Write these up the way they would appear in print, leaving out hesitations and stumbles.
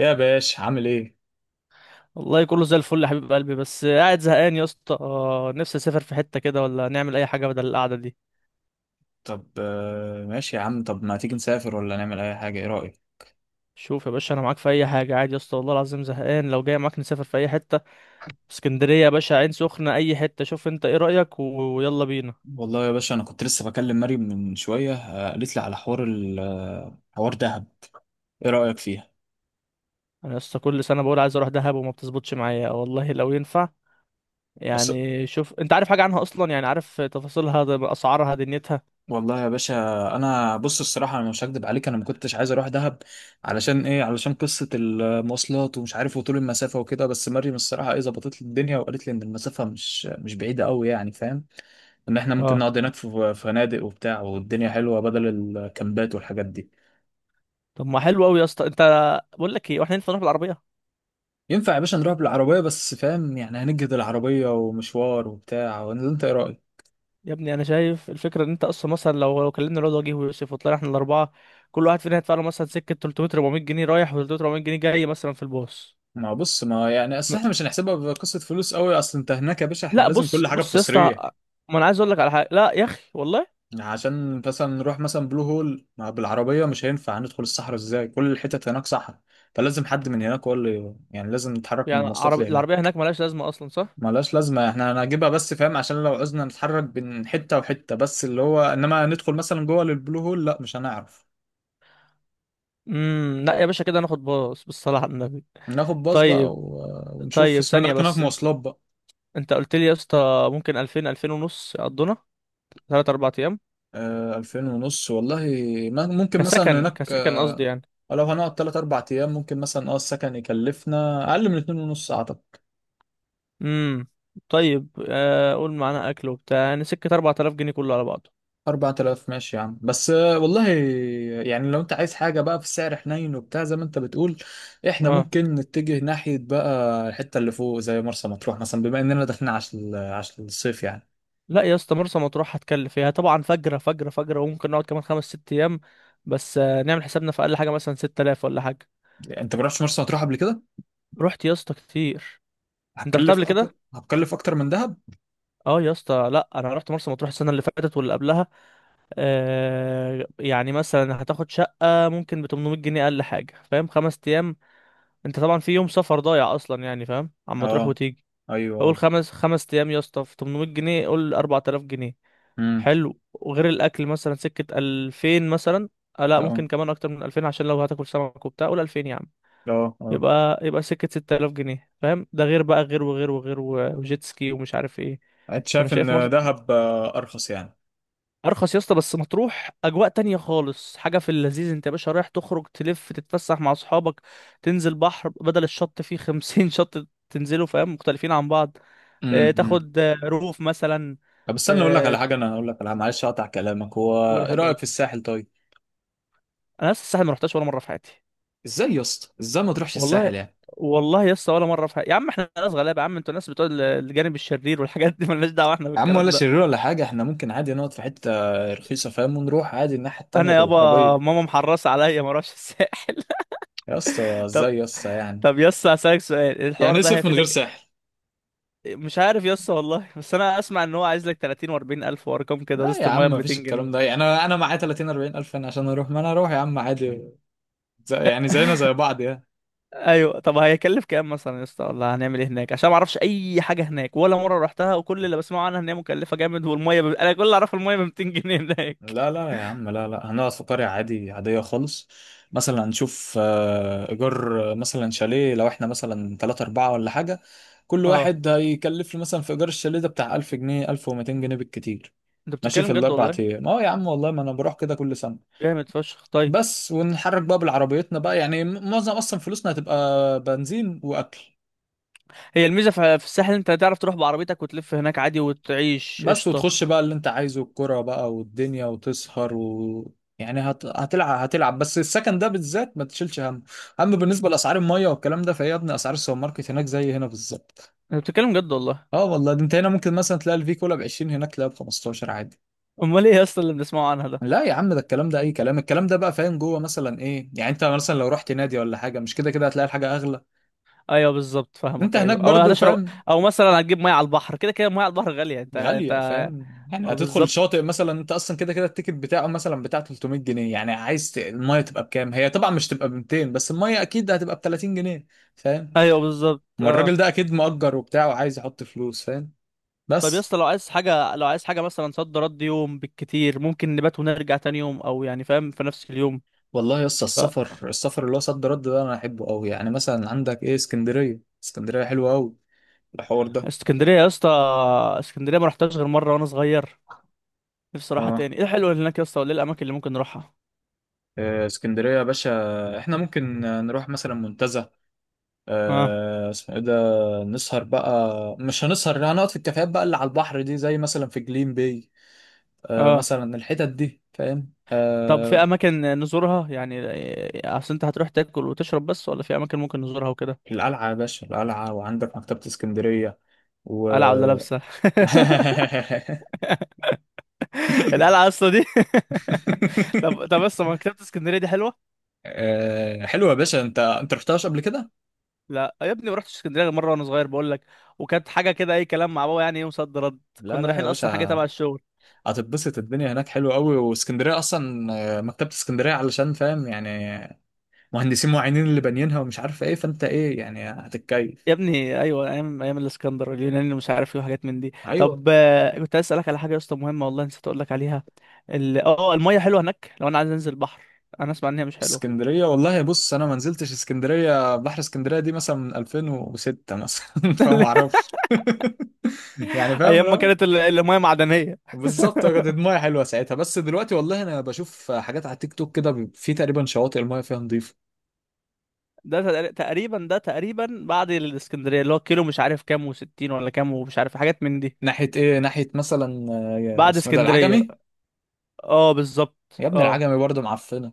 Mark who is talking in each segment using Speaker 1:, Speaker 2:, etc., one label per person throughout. Speaker 1: يا باش عامل ايه؟
Speaker 2: والله كله زي الفل يا حبيب قلبي، بس قاعد زهقان يا اسطى. نفسي اسافر في حتة كده، ولا نعمل اي حاجة بدل القعدة دي.
Speaker 1: طب ماشي يا عم. طب ما تيجي نسافر ولا نعمل اي حاجة، ايه رأيك؟
Speaker 2: شوف يا باشا، انا معاك في اي حاجة عادي يا اسطى. والله العظيم زهقان، لو جاي معاك نسافر في اي حتة. اسكندرية يا باشا، عين سخنة، اي حتة. شوف انت ايه رأيك، ويلا بينا.
Speaker 1: والله يا باشا، انا كنت لسه بكلم مريم من شوية، قالت لي على حوار ال آه، حوار دهب. ايه رأيك فيها؟
Speaker 2: انا يا اسطى، كل سنة بقول عايز اروح دهب وما بتظبطش معايا والله، لو ينفع.
Speaker 1: بس.
Speaker 2: يعني شوف، انت عارف حاجة عنها اصلا؟ يعني عارف تفاصيلها، اسعارها، دنيتها.
Speaker 1: والله يا باشا. انا بص، الصراحة انا مش هكدب عليك، انا ما كنتش عايز اروح دهب. علشان ايه؟ علشان قصة المواصلات ومش عارف وطول المسافة وكده. بس مريم الصراحة ايه ظبطت لي الدنيا وقالت لي ان المسافة مش بعيدة قوي، يعني فاهم؟ ان احنا ممكن
Speaker 2: اه.
Speaker 1: نقعد هناك في فنادق وبتاع، والدنيا حلوة بدل الكامبات والحاجات دي.
Speaker 2: طب ما حلو قوي يا اسطى. انت، بقول لك ايه، واحنا ينفع نروح بالعربية؟
Speaker 1: ينفع يا باشا نروح بالعربية، بس فاهم يعني هنجهد العربية ومشوار وبتاع، انت ايه رأيك؟
Speaker 2: يا ابني انا شايف الفكره ان انت اصلا مثلا لو كلمنا الواد وجيه ويوسف وطلعنا احنا الاربعه، كل واحد فينا هيدفع له مثلا سكه 300 400 جنيه رايح، و 300 400 جنيه جاي، مثلا في الباص.
Speaker 1: ما بص، ما يعني
Speaker 2: م-
Speaker 1: اصل احنا مش هنحسبها بقصة فلوس قوي. اصل انت هناك يا باشا احنا
Speaker 2: لا،
Speaker 1: لازم
Speaker 2: بص
Speaker 1: كل حاجة
Speaker 2: بص يا
Speaker 1: بتصريح.
Speaker 2: اسطى، ما انا عايز اقول لك على حاجه، لا يا اخي والله.
Speaker 1: عشان مثلا نروح مثلا بلو هول، ما بالعربية مش هينفع، هندخل الصحراء ازاي؟ كل الحتت هناك صحراء. فلازم حد من هناك هو اللي يعني لازم نتحرك من
Speaker 2: يعني
Speaker 1: المواصلات
Speaker 2: عربي، العربيه
Speaker 1: لهناك.
Speaker 2: هناك ملهاش لازمه اصلا، صح؟
Speaker 1: ملهاش لازمة، احنا هنجيبها بس فاهم عشان لو عوزنا نتحرك بين حتة وحتة. بس اللي هو انما ندخل مثلا جوه للبلو هول، لا مش هنعرف.
Speaker 2: لا يا باشا كده، ناخد باص بالصلاه على النبي.
Speaker 1: ناخد باص بقى
Speaker 2: طيب.
Speaker 1: ونشوف
Speaker 2: طيب
Speaker 1: اسمنا
Speaker 2: ثانيه
Speaker 1: ده كان هناك
Speaker 2: بس، انت،
Speaker 1: مواصلات بقى.
Speaker 2: انت قلت لي يا اسطى ممكن 2000 ونص يقضونا 3 4 ايام،
Speaker 1: 2000 ونص والله. ممكن مثلا هناك
Speaker 2: كسكن قصدي يعني.
Speaker 1: لو هنقعد 3 4 ايام ممكن مثلا السكن يكلفنا اقل من 2 ونص اعتقد.
Speaker 2: امم طيب. قول معانا اكل وبتاع يعني سكه 4000 جنيه كله على بعضه.
Speaker 1: 4000 ماشي يا عم، بس والله. يعني لو انت عايز حاجة بقى في سعر حنين وبتاع زي ما انت بتقول، احنا
Speaker 2: اه.
Speaker 1: ممكن نتجه ناحية بقى الحتة اللي فوق زي مرسى مطروح مثلا بما اننا داخلين عشان الصيف يعني.
Speaker 2: لا يا اسطى مرسى مطروح هتكلف فيها طبعا فجرة فجرة فجرة، وممكن نقعد كمان خمس ست ايام. بس نعمل حسابنا في اقل حاجة مثلا 6000 ولا حاجة.
Speaker 1: انت ما رحتش مرسى مطروح قبل كده؟
Speaker 2: رحت يا اسطى كتير. انت رحت قبل كده؟
Speaker 1: هتكلف اكتر من دهب.
Speaker 2: اه يا اسطى، لا انا رحت مرسى مطروح السنة اللي فاتت واللي قبلها. يعني مثلا هتاخد شقة ممكن ب 800 جنيه اقل حاجة، فاهم؟ خمس ايام. انت طبعا في يوم سفر ضايع اصلا يعني، فاهم، عما تروح
Speaker 1: اه.
Speaker 2: وتيجي. قول
Speaker 1: ايوه.
Speaker 2: خمس، خمس ايام يا اسطى في 800 جنيه، قول 4000 جنيه.
Speaker 1: امم.
Speaker 2: حلو. وغير الاكل مثلا سكه 2000 مثلا. لا
Speaker 1: لا.
Speaker 2: ممكن كمان اكتر من 2000، عشان لو هتاكل سمك وبتاع، قول 2000 يا عم.
Speaker 1: اه، اه.
Speaker 2: يبقى سكه 6000 جنيه، فاهم؟ ده غير بقى، غير وغير وغير وجيت سكي ومش عارف ايه.
Speaker 1: انت
Speaker 2: فانا
Speaker 1: شايف
Speaker 2: شايف
Speaker 1: ان دهب ارخص يعني؟
Speaker 2: ارخص يا اسطى، بس مطروح اجواء تانية خالص، حاجه في اللذيذ. انت يا باشا رايح تخرج، تلف، تتفسح مع اصحابك، تنزل بحر، بدل الشط فيه 50 شط تنزلوا، فاهم، مختلفين عن بعض.
Speaker 1: امم، أمم.
Speaker 2: تاخد روف مثلا.
Speaker 1: طب استنى اقول لك على
Speaker 2: ت-
Speaker 1: حاجه، انا اقول لك على، معلش اقطع كلامك، هو
Speaker 2: تقول يا
Speaker 1: ايه
Speaker 2: حبيب
Speaker 1: رايك
Speaker 2: قلبي،
Speaker 1: في الساحل طيب؟
Speaker 2: انا لسه الساحل ما رحتش ولا مره في حياتي.
Speaker 1: ازاي يا اسطى؟ ازاي ما تروحش
Speaker 2: والله.
Speaker 1: الساحل يعني؟
Speaker 2: والله لسه ولا مره في حياتي يا عم. احنا ناس غلابه يا عم، انتوا ناس بتوع الجانب الشرير والحاجات دي، مالناش دعوه احنا
Speaker 1: يا عم
Speaker 2: بالكلام
Speaker 1: ولا
Speaker 2: ده.
Speaker 1: شرير ولا حاجه، احنا ممكن عادي نقعد في حته رخيصه فاهم، ونروح عادي الناحيه التانيه
Speaker 2: انا يابا،
Speaker 1: بالعربيه.
Speaker 2: ماما محرصه عليا ما اروحش الساحل.
Speaker 1: يا اسطى،
Speaker 2: طب.
Speaker 1: ازاي يا اسطى يعني؟
Speaker 2: يسا هسألك سؤال، الحوار
Speaker 1: يعني
Speaker 2: ده
Speaker 1: اسف من غير
Speaker 2: هيفيدك.
Speaker 1: ساحل؟
Speaker 2: مش عارف يسا والله. بس انا اسمع ان هو عايز لك 30 و40 الف، وارقام كده،
Speaker 1: لا
Speaker 2: وازازه
Speaker 1: يا
Speaker 2: الميه
Speaker 1: عم
Speaker 2: ب
Speaker 1: مفيش
Speaker 2: 200 جنيه.
Speaker 1: الكلام ده، يعني انا معايا 30 40 الف، يعني عشان اروح ما انا اروح يا عم عادي. زي، يعني زينا زي بعض يعني.
Speaker 2: ايوه. طب هيكلف كام مثلا يا اسطى، ولا هنعمل ايه هناك؟ عشان ما اعرفش اي حاجه هناك، ولا مره رحتها، وكل اللي بسمعه عنها ان هي مكلفه جامد، والميه انا كل اللي اعرفه الميه ب 200 جنيه هناك.
Speaker 1: لا لا يا عم، لا لا هنقعد في قرية عادي عادية خالص. مثلا هنشوف، إيجار، مثلا شاليه، لو إحنا مثلا 3 4 ولا حاجة. كل
Speaker 2: اه.
Speaker 1: واحد هيكلف لي مثلا في إيجار الشاليه ده بتاع 1000 جنيه 1200 جنيه بالكتير.
Speaker 2: انت
Speaker 1: ماشي
Speaker 2: بتتكلم
Speaker 1: في
Speaker 2: جد
Speaker 1: الأربع
Speaker 2: والله؟
Speaker 1: أيام، يا عم والله، ما أنا بروح كده كل سنة.
Speaker 2: جامد فشخ. طيب.
Speaker 1: بس ونتحرك بقى بالعربيتنا بقى، يعني معظم أصلا فلوسنا هتبقى بنزين وأكل.
Speaker 2: هي الميزه في الساحل، انت تعرف تروح بعربيتك وتلف هناك عادي وتعيش
Speaker 1: بس
Speaker 2: قشطه.
Speaker 1: وتخش بقى اللي انت عايزه الكرة بقى والدنيا وتسهر هتلعب. بس السكن ده بالذات ما تشيلش هم. اما بالنسبة لأسعار المية والكلام ده فهي يا ابني أسعار السوبر ماركت هناك زي هنا بالظبط.
Speaker 2: انت بتتكلم جد والله؟
Speaker 1: اه والله، ده انت هنا ممكن مثلا تلاقي الفي كولا ب 20، هناك تلاقيها ب 15 عادي.
Speaker 2: امال ايه يا اسطى اللي بنسمعه عنها ده؟
Speaker 1: لا يا عم ده الكلام ده اي كلام، الكلام ده بقى فاهم جوه مثلا ايه يعني، انت مثلا لو رحت نادي ولا حاجة مش كده كده هتلاقي الحاجة اغلى.
Speaker 2: ايوه بالظبط فاهمك.
Speaker 1: انت
Speaker 2: ايوه،
Speaker 1: هناك
Speaker 2: او
Speaker 1: برضو
Speaker 2: هتشرب،
Speaker 1: فاهم.
Speaker 2: او مثلا هتجيب ميه على البحر، كده كده ميه على البحر غاليه، انت انت
Speaker 1: غالية فاهم. يعني
Speaker 2: آه،
Speaker 1: هتدخل الشاطئ
Speaker 2: بالظبط.
Speaker 1: مثلا، انت اصلا كده كده التيكت بتاعه مثلا بتاع 300 جنيه، يعني عايز المية تبقى بكام؟ هي طبعا مش تبقى ب 200، بس المية اكيد هتبقى ب 30 جنيه. فاهم.
Speaker 2: ايوه بالظبط.
Speaker 1: ما الراجل
Speaker 2: اه.
Speaker 1: ده اكيد مؤجر وبتاع وعايز يحط فلوس فاهم.
Speaker 2: طب يا
Speaker 1: بس.
Speaker 2: اسطى، لو عايز حاجة مثلا صد رد يوم بالكتير، ممكن نبات ونرجع تاني يوم، او يعني فاهم في نفس اليوم.
Speaker 1: والله يا اسطى،
Speaker 2: ف...
Speaker 1: السفر اللي هو صد رد ده انا احبه قوي، يعني مثلا عندك ايه، اسكندرية، اسكندرية حلوة قوي. الحوار ده.
Speaker 2: اسكندرية يا اسطى، اسكندرية ما رحتهاش غير مرة وانا صغير. نفسي اروحها
Speaker 1: اه.
Speaker 2: تاني. ايه الحلو اللي هناك يا اسطى؟ وايه الاماكن اللي ممكن نروحها؟
Speaker 1: اسكندرية يا باشا. احنا ممكن نروح مثلا منتزه.
Speaker 2: اه.
Speaker 1: اسمه ايه ده. نسهر بقى. مش هنسهر، هنقعد في الكافيهات بقى اللي على البحر دي، زي مثلا في جليم باي.
Speaker 2: اه
Speaker 1: مثلا الحتت دي فاهم
Speaker 2: طب في
Speaker 1: آه.
Speaker 2: اماكن نزورها يعني؟ اصل انت هتروح تاكل وتشرب بس، ولا في اماكن ممكن نزورها وكده؟
Speaker 1: القلعة يا باشا، القلعة، وعندك مكتبة اسكندرية و
Speaker 2: قلعة ولا لابسة؟ القلعة اصلا دي. طب. بس ما مكتبة اسكندرية دي حلوة.
Speaker 1: حلوة يا باشا. انت رحتهاش قبل كده؟
Speaker 2: لا يا ابني، ما رحتش اسكندريه غير مره وانا صغير بقول لك. وكانت حاجه كده اي كلام، مع بابا يعني، يوم صد رد.
Speaker 1: لا
Speaker 2: كنا
Speaker 1: لا
Speaker 2: رايحين
Speaker 1: يا
Speaker 2: اصلا حاجه
Speaker 1: باشا.
Speaker 2: تبع الشغل.
Speaker 1: هتتبسط، الدنيا هناك حلوة قوي، واسكندرية اصلا مكتبة اسكندرية علشان فاهم يعني، مهندسين معينين اللي بانيينها ومش عارف ايه، فانت ايه يعني هتتكيف.
Speaker 2: يا ابني ايوه، ايام ايام الاسكندر اليوناني مش عارف ايه وحاجات من دي.
Speaker 1: ايوه.
Speaker 2: طب كنت عايز اسالك على حاجه يا اسطى مهمه، والله نسيت اقول لك عليها. اه الميه حلوه هناك لو انا عايز انزل البحر؟ انا اسمع ان هي مش
Speaker 1: في
Speaker 2: حلوه.
Speaker 1: اسكندرية والله، بص أنا ما نزلتش اسكندرية، بحر اسكندرية دي مثلا من 2006 مثلا. فما أعرفش. يعني فاهم،
Speaker 2: ايام ما
Speaker 1: لا.
Speaker 2: كانت الميه معدنيه.
Speaker 1: بالظبط كانت المايه حلوة ساعتها، بس دلوقتي والله أنا بشوف حاجات على تيك توك كده في تقريبا شواطئ المايه فيها نظيفة.
Speaker 2: تقريبا، ده تقريبا بعد الاسكندريه اللي هو كيلو مش عارف كام وستين ولا كام، ومش عارف حاجات من دي.
Speaker 1: ناحية إيه؟ ناحية مثلا
Speaker 2: بعد
Speaker 1: اسمه إيه ده،
Speaker 2: اسكندريه
Speaker 1: العجمي.
Speaker 2: بقى. اه بالظبط.
Speaker 1: يا ابني
Speaker 2: اه.
Speaker 1: العجمي برضه معفنة.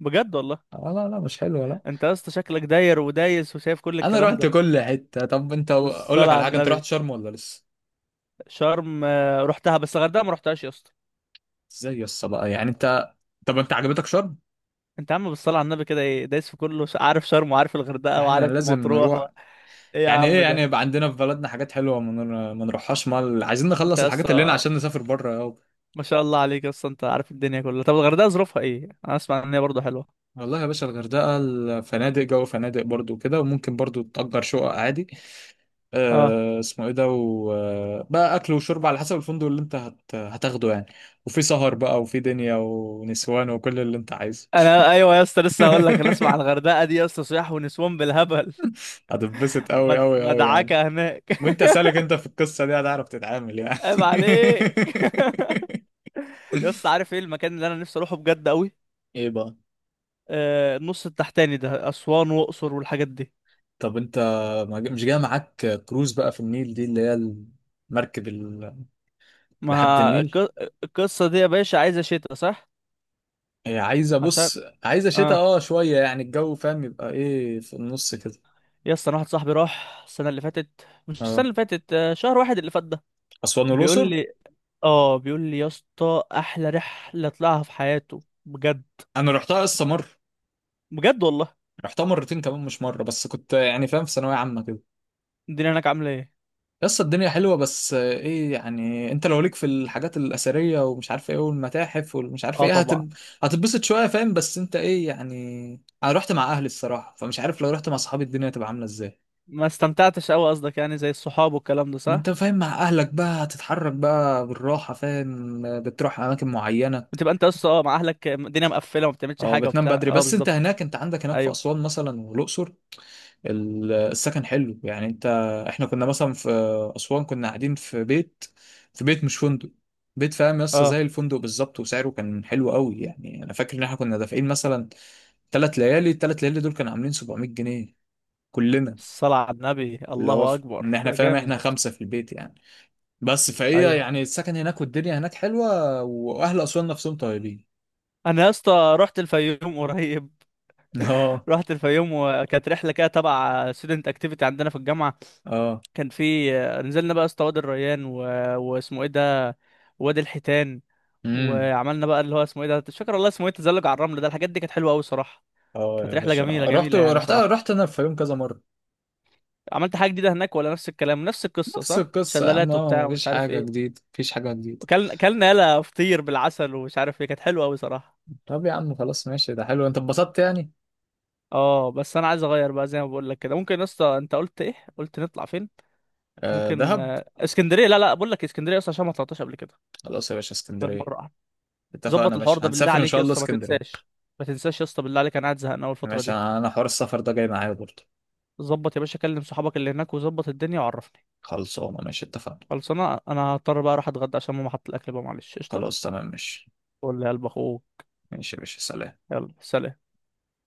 Speaker 2: بجد والله.
Speaker 1: آه، لا لا مش حلوة، لا.
Speaker 2: انت يا اسطى شكلك داير ودايس وشايف كل
Speaker 1: أنا
Speaker 2: الكلام
Speaker 1: رحت
Speaker 2: ده.
Speaker 1: كل حتة. طب أنت، أقول
Speaker 2: بالصلاة
Speaker 1: لك
Speaker 2: على
Speaker 1: على حاجة، أنت رحت
Speaker 2: النبي.
Speaker 1: شرم ولا لسه؟
Speaker 2: شرم رحتها، بس الغردقة ما رحتهاش يا اسطى.
Speaker 1: إزاي يا اسطى بقى يعني أنت؟ طب أنت عجبتك شرم؟
Speaker 2: انت يا عم بالصلاة على النبي كده، ايه؟ دايس في كله، عارف شرم وعارف الغردقة
Speaker 1: احنا
Speaker 2: وعارف
Speaker 1: لازم
Speaker 2: مطروح
Speaker 1: نروح.
Speaker 2: ايه يا
Speaker 1: يعني
Speaker 2: عم
Speaker 1: ايه يعني؟
Speaker 2: ده؟
Speaker 1: يبقى عندنا في بلدنا حاجات حلوه ما نروحهاش، مال عايزين
Speaker 2: انت
Speaker 1: نخلص
Speaker 2: يا
Speaker 1: الحاجات اللي لنا
Speaker 2: اسطى،
Speaker 1: عشان نسافر بره يابا.
Speaker 2: ما شاء الله عليك يا اسطى، انت عارف الدنيا كلها. طب الغردقة ظروفها ايه؟ انا اسمع ان هي برضه حلوة.
Speaker 1: والله يا باشا، الغردقه الفنادق جو فنادق برضو كده، وممكن برضو تأجر شقق عادي.
Speaker 2: اه.
Speaker 1: اسمه ايه ده، وبقى اكل وشرب على حسب الفندق اللي انت هتاخده يعني. وفي سهر بقى وفي دنيا ونسوان وكل اللي انت عايزه.
Speaker 2: انا ايوه يا اسطى لسه هقول لك، انا اسمع عن الغردقة دي يا اسطى، صياح ونسوان بالهبل.
Speaker 1: هتتبسط قوي قوي قوي يعني.
Speaker 2: مدعكة هناك.
Speaker 1: وانت سالك، انت في القصه دي هتعرف تتعامل يعني؟
Speaker 2: عيب عليك. يا اسطى، عارف ايه المكان اللي انا نفسي اروحه بجد قوي؟
Speaker 1: ايه بقى؟
Speaker 2: النص التحتاني ده، أسوان وأقصر والحاجات دي.
Speaker 1: طب انت، ما ج- مش جاي معاك كروز بقى في النيل دي اللي هي المركب
Speaker 2: ما
Speaker 1: لحد النيل.
Speaker 2: الق- القصة دي يا باشا عايزة شتا، صح؟
Speaker 1: هي عايزه،
Speaker 2: عشان.
Speaker 1: بص. عايزه شتاء،
Speaker 2: اه
Speaker 1: شويه يعني الجو فاهم، يبقى ايه في النص كده.
Speaker 2: يا اسطى، أنا واحد صاحبي راح السنة اللي فاتت، مش السنة
Speaker 1: اه،
Speaker 2: اللي فاتت شهر واحد اللي فات ده،
Speaker 1: اسوان
Speaker 2: بيقول
Speaker 1: والاقصر.
Speaker 2: لي. اه بيقول لي يا اسطى، أحلى رحلة طلعها في حياته بجد.
Speaker 1: انا رحتها قصه مره.
Speaker 2: بجد والله؟
Speaker 1: رحتها مرتين كمان، مش مره بس، كنت يعني فاهم في ثانويه عامه كده.
Speaker 2: الدنيا هناك عاملة ايه؟
Speaker 1: قصه الدنيا حلوه، بس ايه يعني، انت لو ليك في الحاجات الاثريه ومش عارف ايه والمتاحف والمش عارف
Speaker 2: اه
Speaker 1: ايه
Speaker 2: طبعا.
Speaker 1: هتتبسط شويه فاهم، بس انت ايه يعني. انا رحت مع اهلي الصراحه، فمش عارف لو رحت مع صحابي الدنيا هتبقى عامله ازاي.
Speaker 2: ما استمتعتش قوي قصدك يعني زي الصحاب والكلام ده،
Speaker 1: ما
Speaker 2: صح؟
Speaker 1: انت فاهم، مع اهلك بقى هتتحرك بقى بالراحه، فاهم، بتروح اماكن معينه.
Speaker 2: بتبقى انت يا اسطى مع اهلك الدنيا مقفلة وما بتعملش
Speaker 1: اه،
Speaker 2: حاجة
Speaker 1: بتنام
Speaker 2: وبتاع.
Speaker 1: بدري.
Speaker 2: اه
Speaker 1: بس انت
Speaker 2: بالظبط.
Speaker 1: هناك، انت عندك هناك في
Speaker 2: ايوه.
Speaker 1: اسوان مثلا والاقصر. السكن حلو يعني، انت احنا كنا مثلا في اسوان كنا قاعدين في بيت، في بيت مش فندق، بيت فاهم يس،
Speaker 2: اه.
Speaker 1: زي الفندق بالظبط، وسعره كان حلو قوي، يعني انا فاكر ان احنا كنا دافعين مثلا 3 ليالي، الثلاث ليالي دول كانوا عاملين 700 جنيه، كلنا.
Speaker 2: الصلاة على النبي،
Speaker 1: اللي هو
Speaker 2: الله أكبر
Speaker 1: ان احنا
Speaker 2: ده
Speaker 1: فاهم
Speaker 2: جامد.
Speaker 1: احنا 5 في البيت يعني. بس فهي
Speaker 2: أيوه.
Speaker 1: يعني، السكن هناك والدنيا هناك حلوة، وأهل أسوان نفسهم طيبين.
Speaker 2: أنا يا اسطى رحت الفيوم قريب.
Speaker 1: اه،
Speaker 2: رحت الفيوم، وكانت رحلة كده تبع student activity عندنا في الجامعة.
Speaker 1: اه،
Speaker 2: كان في نزلنا بقى يا اسطى وادي الريان واسمه إيه ده، وادي الحيتان.
Speaker 1: امم.
Speaker 2: وعملنا بقى اللي هو اسمه إيه ده، مش فاكر والله اسمه إيه، تزلج على الرمل، ده الحاجات دي كانت حلوة أوي صراحة.
Speaker 1: اه
Speaker 2: كانت
Speaker 1: يا
Speaker 2: رحلة
Speaker 1: باشا،
Speaker 2: جميلة
Speaker 1: رحت
Speaker 2: جميلة يعني
Speaker 1: رحت
Speaker 2: صراحة.
Speaker 1: رحت أنا الفيوم كذا مرة.
Speaker 2: عملت حاجة جديدة هناك ولا نفس الكلام نفس القصة؟
Speaker 1: نفس
Speaker 2: صح،
Speaker 1: القصة يا عم،
Speaker 2: شلالات
Speaker 1: اه،
Speaker 2: وبتاع
Speaker 1: ما
Speaker 2: ومش
Speaker 1: فيش
Speaker 2: عارف
Speaker 1: حاجة
Speaker 2: إيه.
Speaker 1: جديدة مفيش حاجة جديدة.
Speaker 2: وكلنا يلا فطير بالعسل ومش عارف إيه، كانت حلوة أوي صراحة.
Speaker 1: طب يا عم خلاص ماشي، ده حلو، أنت اتبسطت يعني.
Speaker 2: اه. بس انا عايز اغير بقى زي ما بقول لك كده. ممكن يا اسطى، انت قلت ايه، قلت نطلع فين؟
Speaker 1: آه،
Speaker 2: ممكن
Speaker 1: دهب.
Speaker 2: اسكندريه. لا لا بقول لك اسكندريه اصلا، عشان ما طلعتهاش قبل كده،
Speaker 1: خلاص يا باشا
Speaker 2: غير
Speaker 1: اسكندرية.
Speaker 2: مره واحده.
Speaker 1: اتفقنا،
Speaker 2: ظبط الحوار
Speaker 1: ماشي
Speaker 2: ده بالله
Speaker 1: هنسافر إن
Speaker 2: عليك
Speaker 1: شاء
Speaker 2: يا
Speaker 1: الله
Speaker 2: اسطى، ما
Speaker 1: اسكندرية.
Speaker 2: تنساش. ما تنساش يا اسطى بالله عليك، انا قاعد زهقان اول الفتره
Speaker 1: ماشي،
Speaker 2: دي.
Speaker 1: أنا حوار السفر ده جاي معايا برضه.
Speaker 2: ظبط يا باشا، كلم صحابك اللي هناك وظبط الدنيا وعرفني.
Speaker 1: خلصانة ماشي اتفقنا.
Speaker 2: خلاص، انا هضطر بقى اروح اتغدى عشان ماما حط الاكل بقى، معلش قشطه.
Speaker 1: خلاص تمام ماشي.
Speaker 2: قول لي يا قلب اخوه.
Speaker 1: ماشي يا باشا، سلام.
Speaker 2: يلا سلام.